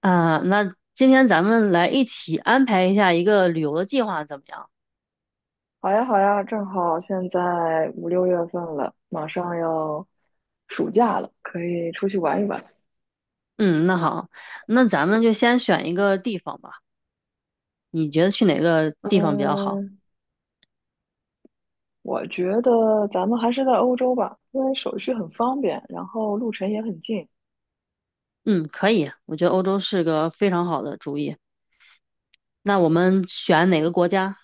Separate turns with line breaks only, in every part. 啊，那今天咱们来一起安排一下一个旅游的计划，怎么样？
好呀，好呀，正好现在五六月份了，马上要暑假了，可以出去玩一玩。
嗯，那好，那咱们就先选一个地方吧。你觉得去哪个地方比较好？
嗯，我觉得咱们还是在欧洲吧，因为手续很方便，然后路程也很近。
嗯，可以，我觉得欧洲是个非常好的主意。那我们选哪个国家？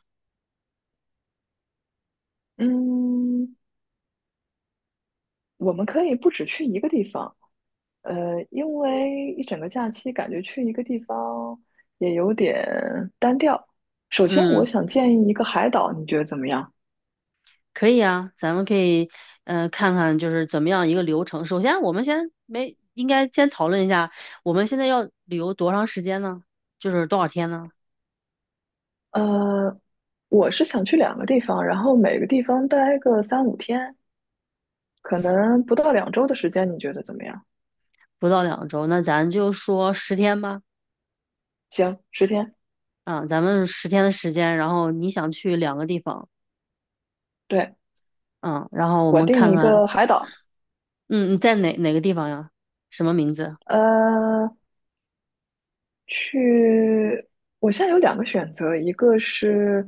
嗯，我们可以不止去一个地方，因为一整个假期感觉去一个地方也有点单调。首先，我
嗯，
想建议一个海岛，你觉得怎么样？
可以啊，咱们可以看看就是怎么样一个流程。首先，我们先没应该先讨论一下，我们现在要旅游多长时间呢？就是多少天呢？
呃，我是想去两个地方，然后每个地方待个三五天，可能不到两周的时间，你觉得怎么样？
不到2周，那咱就说十天吧。
行，十天。
嗯，咱们十天的时间，然后你想去两个地方。
对，
嗯，然后我
我
们
定
看
一
看。
个海岛，
嗯，你在哪个地方呀？什么名字？
呃，去。我现在有两个选择，一个是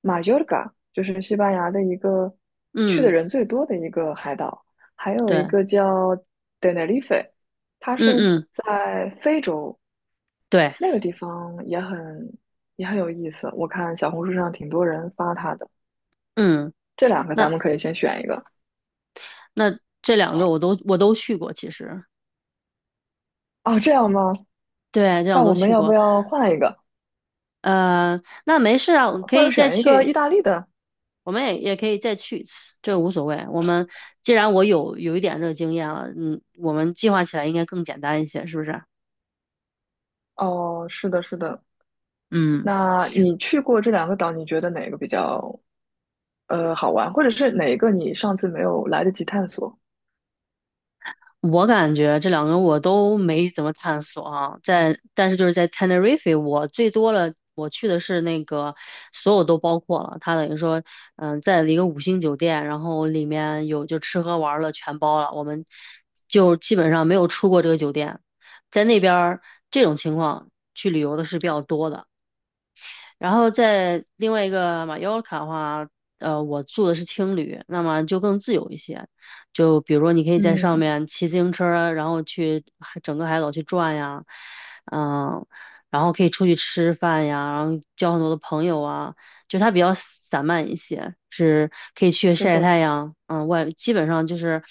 马约尔嘎，就是西班牙的一个去的
嗯，
人最多的一个海岛，还有一
对。
个叫 t e n e， 它是
嗯嗯。
在非洲，
对。
那个地方也很也很有意思，我看小红书上挺多人发它的。
嗯，
这两个咱
那
们可以先选一个。
那这两个我都去过，其实。
哦，这样吗？
对，这两
那
个
我
都
们
去
要不
过。
要换一个，
那没事啊，我可
或者
以再
选一个
去，
意大利的？
我们也可以再去一次，这个无所谓。我们既然我有一点这个经验了，嗯，我们计划起来应该更简单一些，是不是？
哦，是的，是的。
嗯。
那你去过这两个岛，你觉得哪个比较好玩，或者是哪一个你上次没有来得及探索？
我感觉这两个我都没怎么探索啊，但是就是在 Tenerife，我最多了，我去的是那个所有都包括了，它等于说，在一个五星酒店，然后里面有就吃喝玩乐全包了，我们就基本上没有出过这个酒店，在那边儿这种情况去旅游的是比较多的。然后在另外一个马约卡的话，我住的是青旅，那么就更自由一些。就比如说，你可以在上
嗯，
面骑自行车儿，然后整个海岛去转呀。嗯，然后可以出去吃饭呀，然后交很多的朋友啊，就它比较散漫一些，是可以去
是
晒
的，
太阳。基本上就是，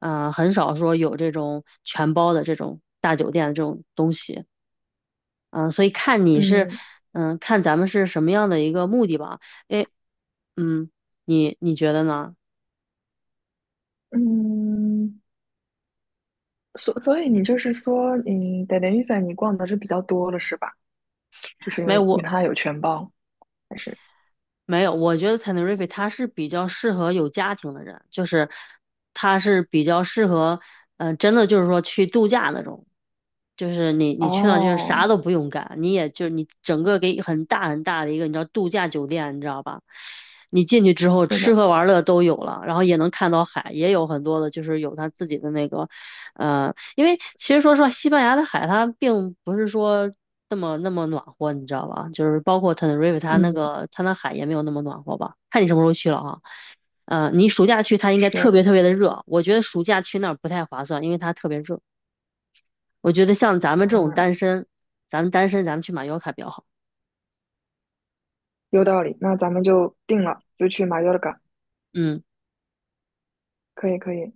很少说有这种全包的这种大酒店这种东西。嗯，所以看你是，
嗯
看咱们是什么样的一个目的吧。诶，嗯，你觉得呢？
嗯，所以你就是说，嗯，在连 n 粉你逛的是比较多了，是吧？就是因
没有，
为因为
我
它有全包。还是
没有，我觉得 Tenerife 它是比较适合有家庭的人，就是它是比较适合，真的就是说去度假那种，就是你去那儿就是啥
哦，
都不用干，你也就你整个给很大很大的一个你知道度假酒店，你知道吧？你进去之后
是
吃
的，
喝玩乐都有了，然后也能看到海，也有很多的就是有他自己的那个。呃因为其实说实话，西班牙的海它并不是说那么那么暖和，你知道吧？就是包括 t e n e r
嗯，
它那海也没有那么暖和吧？看你什么时候去了哈。嗯，你暑假去它应该特
是，
别特别的热，我觉得暑假去那儿不太划算，因为它特别热。我觉得像咱们这种
嗯，
单身，咱们去马约卡比较好。
有道理。那咱们就定了，就去马约尔嘎。
嗯
可以，可以。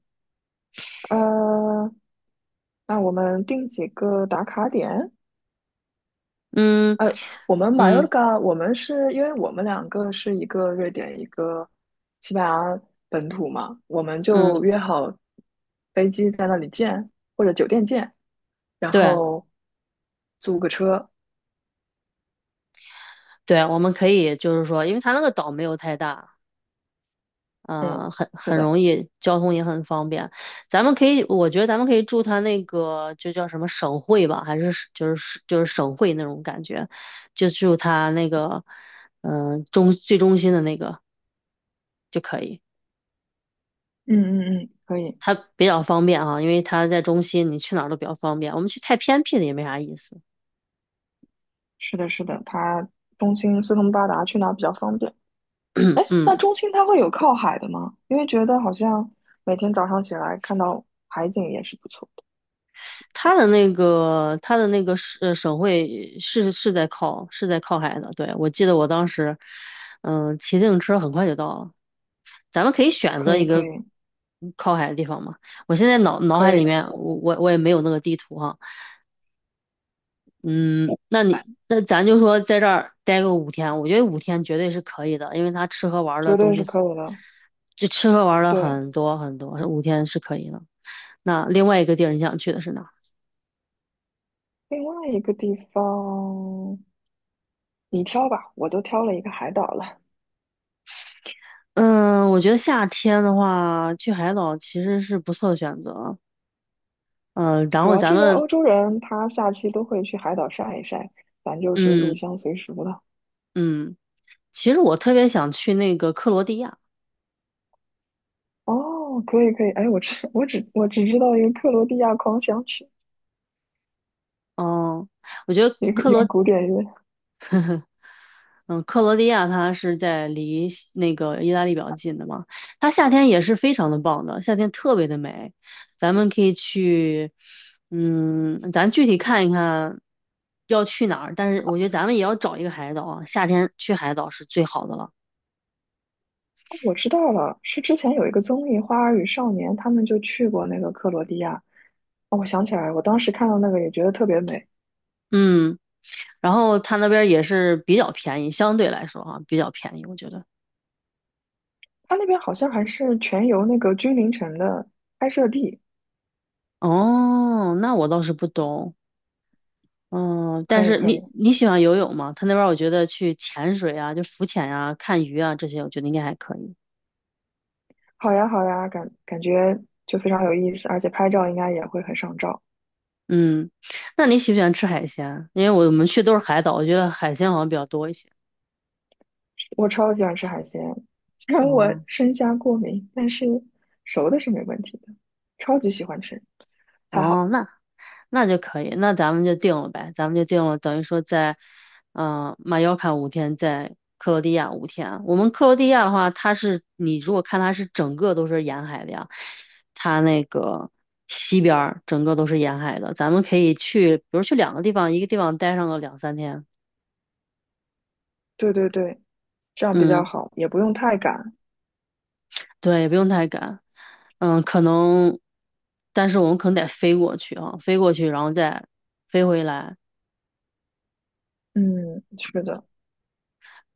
呃，那我们定几个打卡点？
嗯
呃，我们马约尔
嗯
嘎，我们是因为我们两个是一个瑞典，一个西班牙本土嘛，我们
嗯。
就约好飞机在那里见，或者酒店见，然
对
后租个车。
对，我们可以就是说，因为它那个岛没有太大，
嗯，
很
是
很
的，
容易，交通也很方便。咱们可以，我觉得咱们可以住他那个，就叫什么省会吧，还是就是省会那种感觉，就住他那个，嗯、呃中最中心的那个就可以。
嗯嗯嗯，可以。
它比较方便啊，因为它在中心，你去哪儿都比较方便。我们去太偏僻的也没啥意思。
是的，是的，它中心四通八达，去哪儿比较方便？哎，那
嗯
中心它会有靠海的吗？因为觉得好像每天早上起来看到海景也是不错的。
它的那个省会是在靠海的。对，我记得我当时，骑自行车很快就到了。咱们可以选
可
择
以，
一
可
个
以，
靠海的地方嘛。我现在脑海
可以，
里面，我也没有那个地图哈。嗯，那咱就说在这儿待个五天，我觉得五天绝对是可以的，因为他吃喝玩乐
绝
东
对是
西，
可以的。
就吃喝玩乐
对，
很多很多，五天是可以的。那另外一个地儿你想去的是哪？
另外一个地方你挑吧，我都挑了一个海岛了。
嗯，我觉得夏天的话，去海岛其实是不错的选择。嗯，然
主
后
要
咱
这边
们，
欧洲人他下期都会去海岛晒一晒，咱就是入
嗯
乡随俗了。
嗯，其实我特别想去那个克罗地亚。
哦，可以可以，哎，我只知道一个克罗地亚狂想曲，
哦，我觉得
一个
克
一个
罗，
古典乐。
嗯，克罗地亚它是在离西那个意大利比较近的嘛，它夏天也是非常的棒的，夏天特别的美。咱们可以去，咱具体看一看要去哪儿，但是我觉得咱们也要找一个海岛啊，夏天去海岛是最好的了。
我知道了，是之前有一个综艺《花儿与少年》，他们就去过那个克罗地亚。哦，我想起来了，我当时看到那个也觉得特别美。
嗯。然后他那边也是比较便宜，相对来说哈、比较便宜，我觉得。
它那边好像还是全游那个君临城的拍摄地。
哦，那我倒是不懂。嗯，
可
但
以，
是
可以，
你喜欢游泳吗？他那边我觉得去潜水啊，就浮潜啊、看鱼啊这些，我觉得应该还可以。
好呀，好呀，感觉就非常有意思，而且拍照应该也会很上照。
嗯，那你喜不喜欢吃海鲜？因为我们去都是海岛，我觉得海鲜好像比较多一些。
我超喜欢吃海鲜，虽然我
哦。
生虾过敏，但是熟的是没问题的，超级喜欢吃，太好了。
哦，那就可以，那咱们就定了呗，咱们就定了，等于说在，马约卡5天，在克罗地亚5天啊。我们克罗地亚的话，它是你如果看它是整个都是沿海的呀，它那个西边儿整个都是沿海的，咱们可以去，比如去两个地方，一个地方待上个两三天。
对对对，这样比较
嗯，
好，也不用太赶。
对，也不用太赶，嗯，可能，但是我们可能得飞过去啊，飞过去，然后再飞回来。
嗯，是的。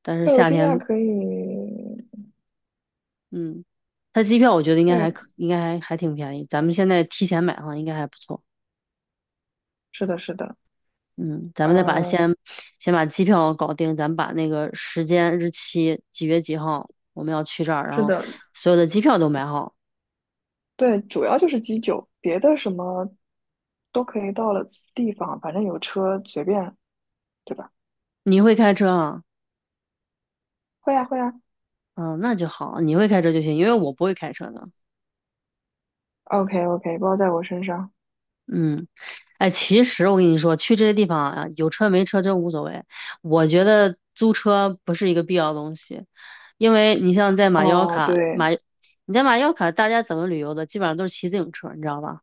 但是
克罗
夏
地亚
天
可以，
嗯，他机票我觉得
对，
应该还挺便宜。咱们现在提前买的话应该还不错。
是的，是的，
嗯，咱们再把
呃，
先先把机票搞定，咱们把那个时间、日期、几月几号我们要去这儿，然
是
后
的，
所有的机票都买好。
对，主要就是基酒，别的什么都可以到了地方，反正有车随便，对吧？
你会开车啊？
会呀，会呀，
嗯，那就好，你会开车就行，因为我不会开车的。
o k OK，包在我身上。
嗯。哎，其实我跟你说，去这些地方啊，有车没车真无所谓。我觉得租车不是一个必要的东西，因为你像在马腰
哦，
卡，
对，
你在马腰卡，大家怎么旅游的，基本上都是骑自行车，你知道吧？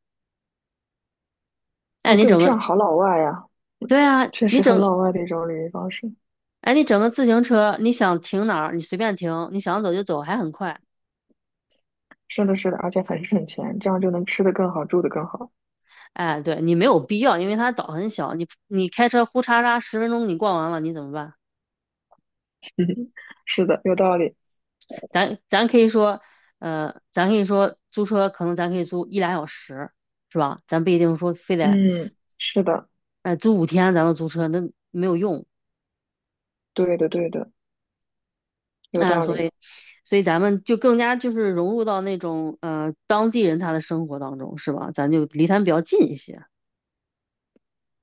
哎，
哦
你
对，
整
这
个，
样好老外呀，
对啊，
确实很老外的一种旅游方式。
哎，你整个自行车，你想停哪儿，你随便停，你想走就走，还很快。
是的，是的，而且很省钱，这样就能吃的更好，住的更好。
哎，对，你没有必要，因为它岛很小，你你开车呼嚓嚓10分钟你逛完了，你怎么办？
嗯，是的，有道理。
咱咱可以说，咱可以说租车可能咱可以租一俩小时，是吧？咱不一定说非得，
嗯，是的，
租五天咱都租车，那没有用
对的，对的，有
啊。
道
所
理。
以，咱们就更加就是融入到那种当地人他的生活当中，是吧？咱就离他们比较近一些。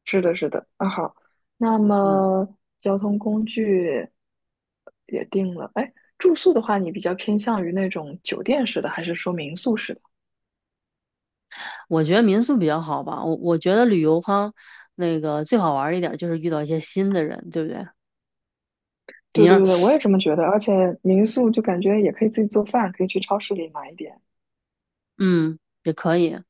是的，是的，啊好，那
嗯，
么交通工具也定了。哎，住宿的话，你比较偏向于那种酒店式的，还是说民宿式的？
我觉得民宿比较好吧，我觉得旅游哈，那个最好玩儿一点儿就是遇到一些新的人，对不对？你
对对
要
对，我也这么觉得。而且民宿就感觉也可以自己做饭，可以去超市里买一点。
嗯，也可以，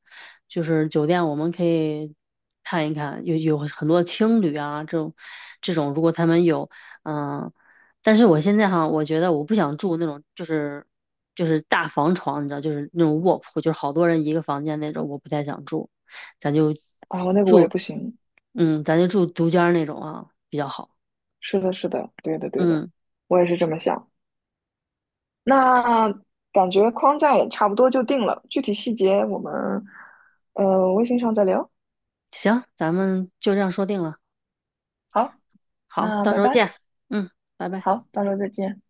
就是酒店我们可以看一看，有很多青旅啊，这种，如果他们有。嗯，但是我现在哈，我觉得我不想住那种就是大房床，你知道，就是那种卧铺，就是好多人一个房间那种，我不太想住，咱就
啊，我那个我也
住，
不行。
咱就住独间儿那种啊，比较好。
是的，是的，对的，对的，
嗯，
我也是这么想。那感觉框架也差不多就定了，具体细节我们微信上再聊。
行，咱们就这样说定了。
好，
好，
那
到
拜
时候
拜，
见。嗯，拜拜。
好，到时候再见。